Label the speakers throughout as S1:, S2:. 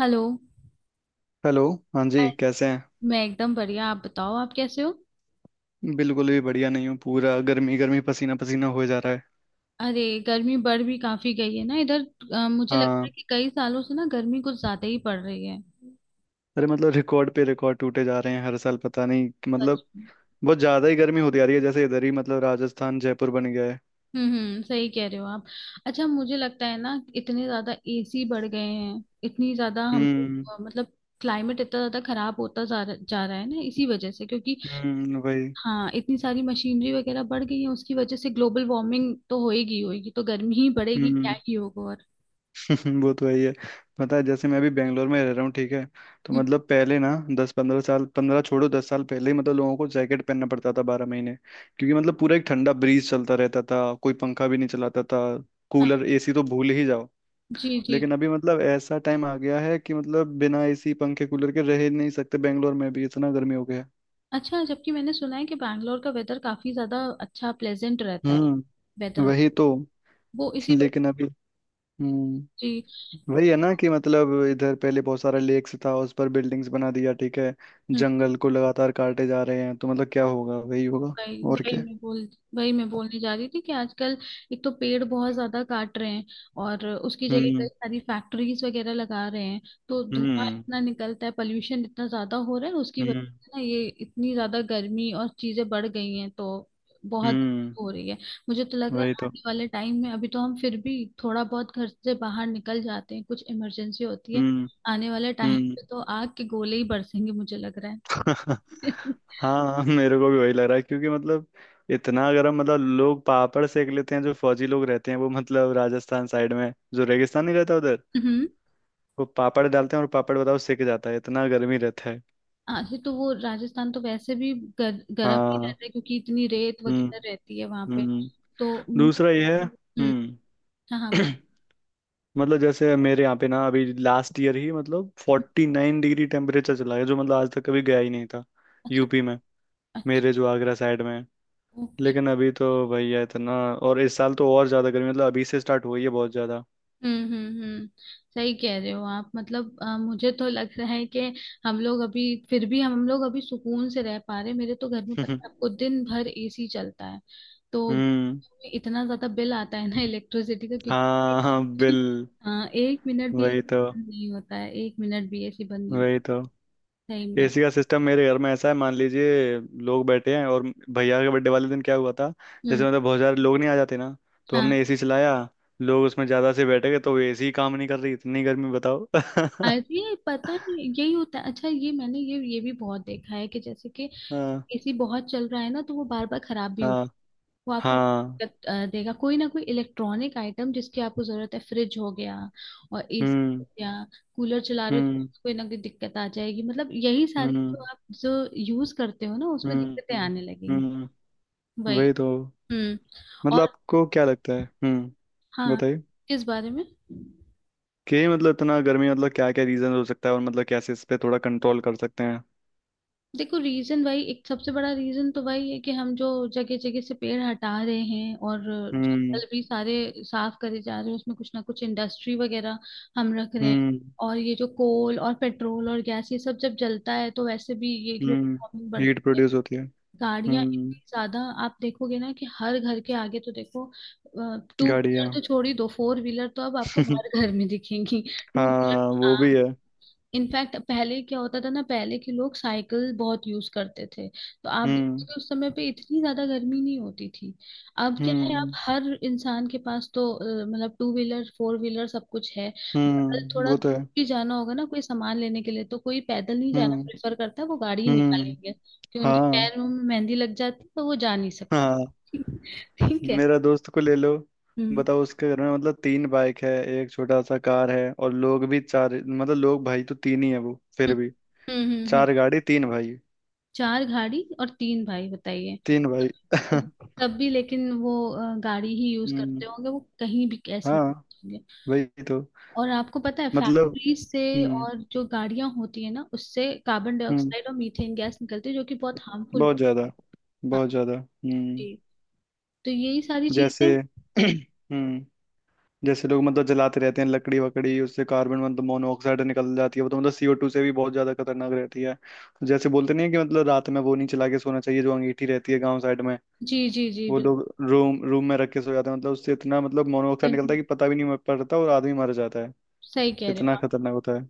S1: Hello.
S2: Hello. हाँ जी
S1: hi.
S2: कैसे
S1: मैं एकदम बढ़िया। आप बताओ आप कैसे हो।
S2: हैं? बिल्कुल भी बढ़िया नहीं हूँ, पूरा गर्मी गर्मी पसीना पसीना हो जा रहा है।
S1: अरे गर्मी बढ़ भी काफी गई है ना इधर। मुझे लगता
S2: हाँ।
S1: है कि कई सालों से ना गर्मी कुछ ज्यादा ही पड़ रही है।
S2: अरे मतलब रिकॉर्ड पे रिकॉर्ड टूटे जा रहे हैं हर साल, पता नहीं कि
S1: सच
S2: मतलब
S1: में।
S2: बहुत ज़्यादा ही गर्मी होती जा रही है। जैसे इधर ही मतलब राजस्थान जयपुर बन गया है।
S1: हम्म, हम्म, सही कह रहे हो आप। अच्छा, मुझे लगता है ना इतने ज्यादा एसी बढ़ गए हैं इतनी ज्यादा हम
S2: हम्म।
S1: मतलब क्लाइमेट इतना ज्यादा खराब होता जा रहा है ना इसी वजह से, क्योंकि
S2: हम्म, वही।
S1: हाँ इतनी सारी मशीनरी वगैरह बढ़ गई है, उसकी वजह से ग्लोबल वार्मिंग तो होएगी ही होएगी, तो गर्मी ही बढ़ेगी, क्या
S2: हम्म।
S1: ही होगा और।
S2: वो तो वही है ही है। पता है, जैसे मैं अभी बेंगलोर में रह रहा हूँ, ठीक है? तो
S1: हम्म,
S2: मतलब पहले ना 10 15 साल, पंद्रह छोड़ो 10 साल पहले ही मतलब लोगों को जैकेट पहनना पड़ता था 12 महीने, क्योंकि मतलब पूरा एक ठंडा ब्रीज चलता रहता था, कोई पंखा भी नहीं चलाता था।
S1: हाँ,
S2: कूलर एसी तो भूल ही जाओ।
S1: जी जी।
S2: लेकिन अभी मतलब ऐसा टाइम आ गया है कि मतलब बिना एसी पंखे कूलर के रह ही नहीं सकते, बेंगलोर में भी इतना गर्मी हो गया है।
S1: अच्छा, जबकि मैंने सुना है कि बैंगलोर का वेदर काफी ज्यादा अच्छा प्लेजेंट रहता है
S2: हम्म।
S1: वेदर।
S2: वही तो।
S1: वो इसी वजह।
S2: लेकिन अभी। हम्म। वही है ना कि मतलब इधर पहले बहुत सारा लेक्स था, उस पर बिल्डिंग्स बना दिया, ठीक है?
S1: जी।
S2: जंगल को लगातार काटे जा रहे हैं, तो मतलब क्या होगा वही होगा।
S1: वही
S2: और
S1: वही
S2: क्या।
S1: मैं बोल, वही मैं बोलने जा रही थी कि आजकल एक तो पेड़ बहुत ज्यादा काट रहे हैं, और उसकी जगह कई
S2: हम्म।
S1: सारी फैक्ट्रीज वगैरह लगा रहे हैं। तो धुआं
S2: हम्म।
S1: इतना निकलता है, पोल्यूशन इतना ज्यादा हो रहा है, उसकी वजह
S2: हम्म।
S1: से ना ये इतनी ज्यादा गर्मी और चीजें बढ़ गई हैं तो बहुत
S2: हम्म।
S1: हो रही है। मुझे तो लग रहा है
S2: वही तो।
S1: आने वाले टाइम में अभी तो हम फिर भी थोड़ा बहुत घर से बाहर निकल जाते हैं, कुछ इमरजेंसी होती है,
S2: हम्म।
S1: आने वाले टाइम
S2: हम्म।
S1: पे तो आग के गोले ही बरसेंगे मुझे लग रहा है।
S2: हाँ मेरे को भी वही लग रहा है, क्योंि मतलब इतना अगर हम मतलब लोग पापड़ सेक लेते हैं, जो फौजी लोग रहते हैं वो, मतलब राजस्थान साइड में जो रेगिस्तान नहीं रहता उधर,
S1: हम्म।
S2: वो पापड़ डालते हैं और पापड़ बताओ सेक जाता है, इतना गर्मी रहता है।
S1: आगे तो वो राजस्थान तो वैसे भी गर्म ही
S2: हाँ।
S1: रहता है, क्योंकि इतनी रेत
S2: हम्म।
S1: वगैरह रहती है वहां पे।
S2: हम्म।
S1: तो
S2: दूसरा ये है।
S1: हम्म।
S2: हम्म।
S1: हाँ हाँ, बोल।
S2: मतलब जैसे मेरे यहाँ पे ना अभी लास्ट ईयर ही मतलब 49 डिग्री टेम्परेचर चला गया, जो मतलब आज तक कभी गया ही नहीं था।
S1: अच्छा।
S2: UP में।
S1: अच्छा।
S2: मेरे जो आगरा साइड में है।
S1: ओके।
S2: लेकिन अभी तो भैया इतना, और इस साल तो और ज्यादा गर्मी मतलब अभी से स्टार्ट हुई है बहुत ज्यादा।
S1: हम्म हम्म हम्म। सही कह रहे हो आप। मतलब मुझे तो लग रहा है कि हम लोग अभी, फिर भी हम लोग अभी सुकून से रह पा रहे। मेरे तो घर में पता है आपको दिन भर एसी चलता है, तो
S2: हम्म।
S1: इतना ज्यादा बिल आता है ना इलेक्ट्रिसिटी का,
S2: हाँ हाँ,
S1: क्योंकि
S2: बिल।
S1: हाँ एक मिनट भी AC
S2: वही तो।
S1: बंद नहीं होता है, एक मिनट भी एसी बंद नहीं होता।
S2: वही तो।
S1: सही में।
S2: एसी का सिस्टम मेरे घर में ऐसा है, मान लीजिए, लोग बैठे हैं और भैया के बर्थडे वाले दिन क्या हुआ था, जैसे
S1: हम्म।
S2: मतलब बहुत सारे लोग नहीं आ जाते ना, तो
S1: हाँ।
S2: हमने एसी चलाया, लोग उसमें ज्यादा से बैठ गए तो एसी काम नहीं कर रही, इतनी गर्मी बताओ।
S1: अरे पता नहीं यही होता है। अच्छा ये मैंने ये भी बहुत देखा है कि जैसे कि
S2: हाँ।
S1: एसी बहुत चल रहा है ना तो वो बार बार खराब भी हो,
S2: हाँ।
S1: वो आपको
S2: हाँ।
S1: दिक्कत देगा कोई ना कोई इलेक्ट्रॉनिक आइटम जिसकी आपको जरूरत है। फ्रिज हो गया और एसी
S2: हम्म।
S1: हो गया, कूलर चला रहे हो
S2: हम्म।
S1: तो कोई ना कोई दिक्कत आ जाएगी, मतलब यही सारे
S2: हम्म।
S1: जो आप जो यूज करते हो ना उसमें दिक्कतें
S2: हम्म।
S1: आने लगेंगी।
S2: हम्म।
S1: वही।
S2: वही तो।
S1: हम्म।
S2: मतलब
S1: और
S2: आपको क्या लगता है? हम्म,
S1: हाँ,
S2: बताइए,
S1: किस बारे में।
S2: कि मतलब इतना गर्मी मतलब क्या क्या रीजन हो सकता है, और मतलब कैसे इस पे थोड़ा कंट्रोल कर सकते हैं?
S1: देखो रीजन भाई एक सबसे बड़ा रीजन तो भाई है कि हम जो जगह जगह से पेड़ हटा रहे हैं, और
S2: हम्म।
S1: जंगल भी सारे साफ करे जा रहे हैं, उसमें कुछ ना कुछ इंडस्ट्री वगैरह हम रख रहे हैं।
S2: हम्म।
S1: और ये जो कोल और पेट्रोल और गैस ये सब जब जलता है तो वैसे भी ये ग्लोबल
S2: हम्म।
S1: वार्मिंग
S2: हीट
S1: बढ़ती है।
S2: प्रोड्यूस होती है।
S1: गाड़ियां
S2: हम्म।
S1: इतनी ज्यादा, आप देखोगे ना कि हर घर के आगे तो देखो, टू व्हीलर
S2: गाड़ियाँ।
S1: तो छोड़ ही दो, फोर व्हीलर तो अब आपको हर घर में दिखेंगी, टू
S2: हाँ वो भी
S1: व्हीलर।
S2: है।
S1: इनफैक्ट पहले क्या होता था ना, पहले के लोग साइकिल बहुत यूज करते थे, तो आप देखते
S2: हम्म।
S1: थे उस समय पे इतनी ज्यादा गर्मी नहीं होती थी। अब क्या है, आप
S2: हम्म।
S1: हर इंसान के पास तो मतलब टू व्हीलर फोर व्हीलर सब कुछ है, अगर
S2: हम्म,
S1: थोड़ा
S2: वो तो
S1: दूर
S2: है।
S1: भी जाना होगा ना कोई सामान लेने के लिए तो कोई पैदल नहीं जाना
S2: हम्म।
S1: प्रेफर करता, वो गाड़ी ही
S2: हम्म।
S1: निकालेंगे कि उनके
S2: हाँ।
S1: पैर में मेहंदी लग जाती है तो वो जा नहीं सकती।
S2: हाँ।
S1: ठीक है।
S2: मेरा दोस्त को ले लो,
S1: हम्म
S2: बताओ उसके घर में मतलब तीन बाइक है, एक छोटा सा कार है, और लोग भी चार, मतलब लोग भाई तो तीन ही है, वो फिर
S1: हम्म,
S2: भी
S1: हम्म।
S2: चार गाड़ी तीन भाई।
S1: चार गाड़ी और तीन भाई, बताइए।
S2: तीन भाई।
S1: तब, तब भी लेकिन वो गाड़ी ही यूज
S2: हम्म।
S1: करते होंगे, वो कहीं भी कैसे
S2: हाँ।
S1: होंगे।
S2: वही तो।
S1: और आपको पता है
S2: मतलब।
S1: फैक्ट्री से
S2: हम्म।
S1: और जो गाड़ियां होती है ना उससे कार्बन
S2: हम्म।
S1: डाइऑक्साइड और मीथेन गैस निकलती है जो कि बहुत हार्मफुल।
S2: बहुत ज्यादा।
S1: हाँ।
S2: बहुत ज्यादा। हम्म।
S1: जी। तो यही सारी
S2: जैसे
S1: चीजें।
S2: हम्म, जैसे लोग मतलब जलाते रहते हैं लकड़ी वकड़ी, उससे कार्बन मतलब मोनोऑक्साइड निकल जाती है, वो तो मतलब CO2 से भी बहुत ज्यादा खतरनाक रहती है। तो जैसे बोलते नहीं है कि मतलब रात में वो नहीं चला के सोना चाहिए, जो अंगीठी रहती है गांव साइड में,
S1: जी जी जी।
S2: वो लोग रूम रूम में रख के सो जाते हैं, मतलब उससे इतना मतलब मोनोऑक्साइड
S1: बिल्कुल,
S2: निकलता है कि पता भी नहीं पड़ता और आदमी मर जाता है।
S1: सही कह रहे
S2: इतना
S1: हो आप।
S2: खतरनाक होता है।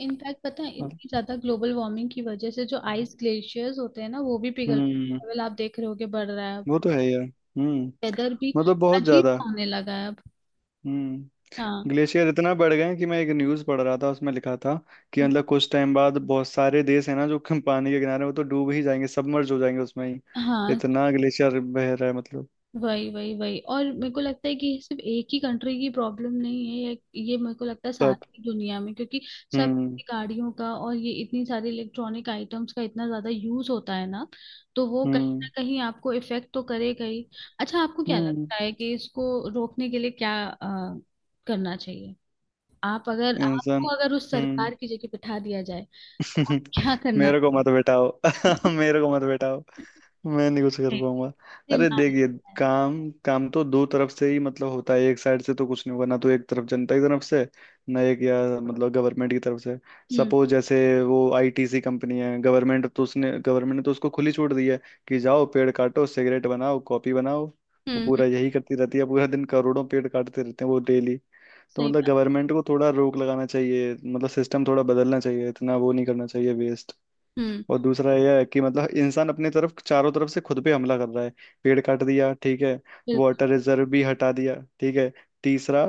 S1: इनफैक्ट पता है इतनी ज्यादा ग्लोबल वार्मिंग की वजह से जो आइस ग्लेशियर्स होते हैं ना वो भी पिघल,
S2: हम्म,
S1: लेवल आप देख रहे होगे बढ़ रहा है।
S2: वो तो है यार। हम्म,
S1: वेदर भी
S2: मतलब बहुत
S1: अजीब
S2: ज्यादा।
S1: सा होने लगा है अब।
S2: हम्म।
S1: हाँ।
S2: ग्लेशियर इतना बढ़ गए हैं कि मैं एक न्यूज़ पढ़ रहा था, उसमें लिखा था कि मतलब कुछ टाइम बाद बहुत सारे देश है ना जो कम पानी के किनारे हैं, वो तो डूब ही जाएंगे, सबमर्ज हो जाएंगे उसमें ही,
S1: हाँ,
S2: इतना ग्लेशियर बह रहा है मतलब।
S1: वही वही वही। और मेरे को लगता है कि ये सिर्फ एक ही कंट्री की प्रॉब्लम नहीं है, ये मेरे को लगता है
S2: सब।
S1: सारी दुनिया में, क्योंकि सब
S2: हम्म।
S1: गाड़ियों का और ये इतनी सारी इलेक्ट्रॉनिक आइटम्स का इतना ज्यादा यूज होता है ना, तो वो कहीं ना
S2: हम्म।
S1: कहीं आपको इफेक्ट तो करेगा ही। अच्छा आपको क्या
S2: हम्म।
S1: लगता है कि इसको रोकने के लिए क्या करना चाहिए, आप, अगर
S2: इंसान।
S1: आपको अगर उस
S2: हम्म।
S1: सरकार की जगह बिठा दिया जाए, आप क्या करना
S2: मेरे को मत
S1: चाहोगे।
S2: बैठाओ, मेरे को मत बैठाओ। मैं नहीं कुछ कर पाऊंगा। अरे
S1: डिमांड
S2: देखिए,
S1: होता है।
S2: काम काम तो दो तरफ से ही मतलब होता है, एक साइड से तो कुछ नहीं होगा ना, तो एक तरफ जनता की तरफ से ना, एक या मतलब गवर्नमेंट की तरफ से।
S1: हम्म
S2: सपोज जैसे वो ITC कंपनी है, गवर्नमेंट, तो उसने गवर्नमेंट ने तो उसको खुली छूट दी है कि जाओ पेड़ काटो, सिगरेट बनाओ, कॉपी बनाओ। वो
S1: हम्म हम्म,
S2: पूरा यही करती रहती है पूरा दिन, करोड़ों पेड़ काटते रहते हैं वो डेली। तो
S1: सही
S2: मतलब
S1: बात।
S2: गवर्नमेंट को थोड़ा रोक लगाना चाहिए, मतलब सिस्टम थोड़ा बदलना चाहिए, इतना वो नहीं करना चाहिए।
S1: हम्म।
S2: और दूसरा यह है कि मतलब इंसान अपने तरफ चारों तरफ से खुद पे हमला कर रहा है। पेड़ काट दिया, ठीक है।
S1: बिल्कुल।
S2: वाटर रिजर्व भी हटा दिया, ठीक है। तीसरा,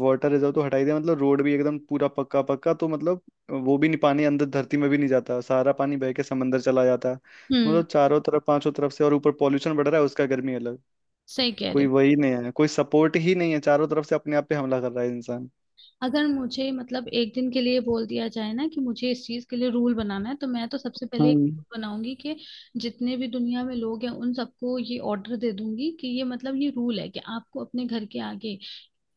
S2: वाटर रिजर्व तो हटा ही दिया, मतलब रोड भी एकदम पूरा पक्का पक्का, तो मतलब वो भी नहीं, पानी अंदर धरती में भी नहीं जाता, सारा पानी बह के समंदर चला जाता।
S1: हम्म,
S2: मतलब चारों तरफ पांचों तरफ से, और ऊपर पॉल्यूशन बढ़ रहा है, उसका गर्मी अलग।
S1: सही कह रहे
S2: कोई
S1: हो।
S2: वही नहीं है, कोई सपोर्ट ही नहीं है, चारों तरफ से अपने आप पे हमला कर रहा है इंसान।
S1: अगर मुझे मतलब एक दिन के लिए बोल दिया जाए ना कि मुझे इस चीज के लिए रूल बनाना है, तो मैं तो सबसे पहले एक
S2: हम्म।
S1: rule बनाऊंगी कि जितने भी दुनिया में लोग हैं उन सबको ये ऑर्डर दे दूंगी कि ये मतलब ये रूल है कि आपको अपने घर के आगे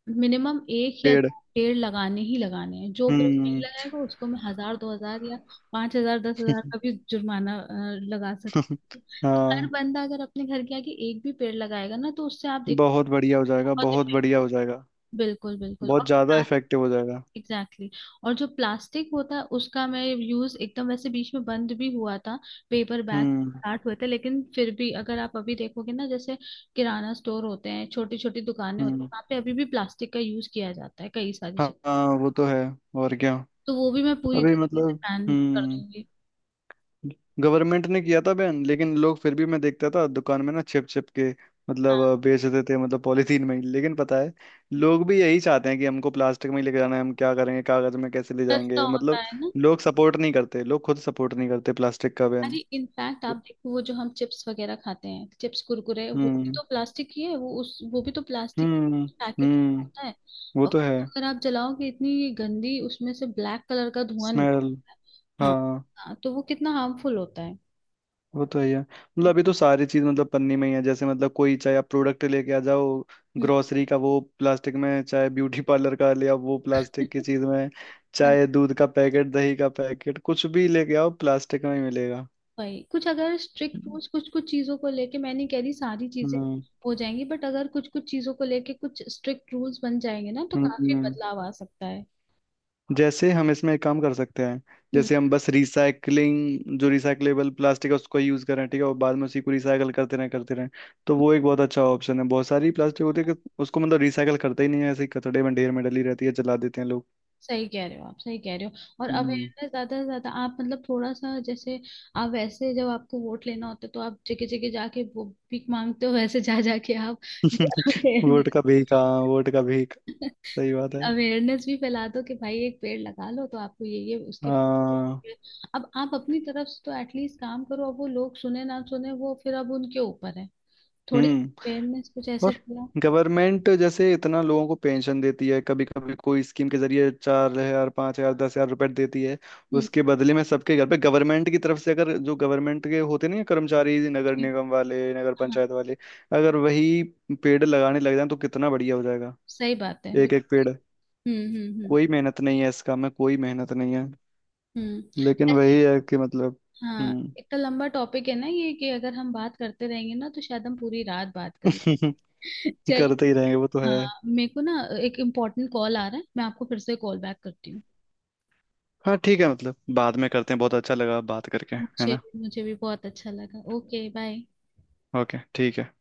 S1: मिनिमम एक या
S2: पेड़।
S1: पेड़ लगाने ही लगाने हैं। जो पेड़ नहीं
S2: हम्म।
S1: लगाएगा उसको मैं हजार दो हजार या पांच हजार दस हजार का भी जुर्माना लगा सकती हूँ। तो हर
S2: हाँ।
S1: बंदा अगर अपने घर के आगे एक भी पेड़ लगाएगा ना तो उससे आप देखो
S2: बहुत बढ़िया हो जाएगा,
S1: बहुत
S2: बहुत
S1: इफेक्ट।
S2: बढ़िया हो जाएगा।
S1: बिल्कुल बिल्कुल।
S2: बहुत
S1: और
S2: ज्यादा इफेक्टिव हो जाएगा।
S1: Exactly exactly। और जो प्लास्टिक होता है उसका मैं यूज, एकदम वैसे बीच में बंद भी हुआ था, पेपर बैग
S2: हम्म।
S1: स्टार्ट हुए थे, लेकिन फिर भी अगर आप अभी देखोगे ना, जैसे किराना स्टोर होते हैं, छोटी छोटी दुकानें होती हैं,
S2: हम्म।
S1: वहाँ पे अभी भी प्लास्टिक का यूज किया जाता है कई सारी
S2: हाँ
S1: चीज।
S2: हाँ, वो तो है। और क्या।
S1: तो वो भी मैं पूरी
S2: अभी
S1: तरीके से
S2: मतलब,
S1: बैन कर
S2: हम्म,
S1: दूंगी।
S2: गवर्नमेंट ने किया था बैन, लेकिन लोग फिर भी, मैं देखता था दुकान में ना, छिप छिप के मतलब
S1: हाँ
S2: बेच देते थे, मतलब पॉलीथीन में ही। लेकिन पता है, लोग भी यही चाहते हैं कि हमको प्लास्टिक में ही लेके जाना है, हम क्या करेंगे कागज में कैसे ले
S1: सस्ता
S2: जाएंगे,
S1: होता
S2: मतलब
S1: है ना।
S2: लोग सपोर्ट नहीं करते, लोग खुद सपोर्ट नहीं करते प्लास्टिक का
S1: अरे
S2: बैन।
S1: इनफैक्ट आप देखो वो जो हम चिप्स वगैरह खाते हैं, चिप्स कुरकुरे, वो भी
S2: हम्म।
S1: तो प्लास्टिक ही है, वो उस, वो भी तो प्लास्टिक
S2: हम्म।
S1: पैकेट
S2: हम्म,
S1: होता है।
S2: वो
S1: और
S2: तो है।
S1: उसको अगर आप जलाओगे इतनी गंदी उसमें से ब्लैक कलर का धुआं निक।
S2: स्मेल।
S1: हाँ।
S2: हाँ।
S1: हाँ, तो वो कितना हार्मफुल होता है।
S2: वो तो है ही है। मतलब अभी तो सारी चीज मतलब पन्नी में ही है, जैसे मतलब कोई चाहे आप प्रोडक्ट लेके आ जाओ,
S1: हम्म।
S2: ग्रोसरी का वो प्लास्टिक में, चाहे ब्यूटी पार्लर का ले आओ वो प्लास्टिक की चीज में,
S1: हाँ,
S2: चाहे दूध का पैकेट दही का पैकेट कुछ भी लेके आओ प्लास्टिक में ही मिलेगा।
S1: वही कुछ अगर स्ट्रिक्ट रूल्स कुछ कुछ चीजों को लेके, मैं नहीं कह रही सारी चीजें
S2: हम्म।
S1: हो जाएंगी, बट अगर कुछ कुछ चीजों को लेके कुछ स्ट्रिक्ट रूल्स बन जाएंगे ना तो
S2: हम्म।
S1: काफी बदलाव आ सकता है।
S2: जैसे हम इसमें एक काम कर सकते हैं।
S1: हम्म।
S2: जैसे हम बस रिसाइकलिंग, जो रिसाइकलेबल प्लास्टिक है उसको यूज करें, ठीक है, और बाद में उसी को रिसाइकल करते रहें करते रहें। तो वो एक बहुत अच्छा ऑप्शन है। बहुत सारी प्लास्टिक होती है कि उसको मतलब रिसाइकल करते ही नहीं है, ऐसे ही कचड़े में ढेर में डली रहती है, जला देते हैं लोग।
S1: सही कह रहे हो आप, सही कह रहे हो, और
S2: हम्म।
S1: अवेयरनेस ज्यादा से ज्यादा आप मतलब थोड़ा सा जैसे, आप वैसे जब आपको वोट लेना होता है तो आप जगह जगह जाके वो भीख मांगते हो, वैसे जा जाके आप ये
S2: वोट
S1: अवेयरनेस,
S2: का भीख, हाँ वोट का भीख। सही बात है।
S1: अवेयरनेस भी फैला दो कि भाई एक पेड़ लगा लो तो आपको ये उसके,
S2: हाँ।
S1: अब आप अपनी तरफ से तो एटलीस्ट काम करो, अब वो लोग सुने ना सुने, वो फिर अब उनके ऊपर है, थोड़ी
S2: हम्म।
S1: अवेयरनेस कुछ ऐसे
S2: और
S1: फैला।
S2: गवर्नमेंट जैसे इतना लोगों को पेंशन देती है कभी कभी, कोई स्कीम के जरिए 4 हजार 5 हजार 10 हजार रुपए देती है,
S1: हम्म।
S2: उसके बदले में सबके घर पे गवर्नमेंट की तरफ से, अगर जो गवर्नमेंट के होते नहीं हैं कर्मचारी, नगर
S1: ठीक,
S2: निगम वाले, नगर
S1: हाँ
S2: पंचायत वाले, अगर वही पेड़ लगाने लग जाए तो कितना बढ़िया हो जाएगा।
S1: सही बात है
S2: एक
S1: बिल-।
S2: एक पेड़।
S1: हम्म,
S2: कोई मेहनत नहीं है इस काम में, कोई मेहनत नहीं है।
S1: हम्म
S2: लेकिन
S1: ऐसे।
S2: वही है कि मतलब।
S1: हाँ
S2: हम्म।
S1: इतना लंबा टॉपिक है ना ये कि अगर हम बात करते रहेंगे ना तो शायद हम पूरी रात बात कर लें।
S2: करते
S1: चलिए।
S2: ही रहेंगे, वो तो है।
S1: हाँ मेरे को ना एक इम्पोर्टेंट कॉल आ रहा है, मैं आपको फिर से कॉल बैक करती हूँ।
S2: हाँ ठीक है, मतलब बाद में करते हैं, बहुत अच्छा लगा बात करके, है
S1: मुझे
S2: ना?
S1: मुझे भी बहुत अच्छा लगा। Okay bye.
S2: ओके, ठीक है।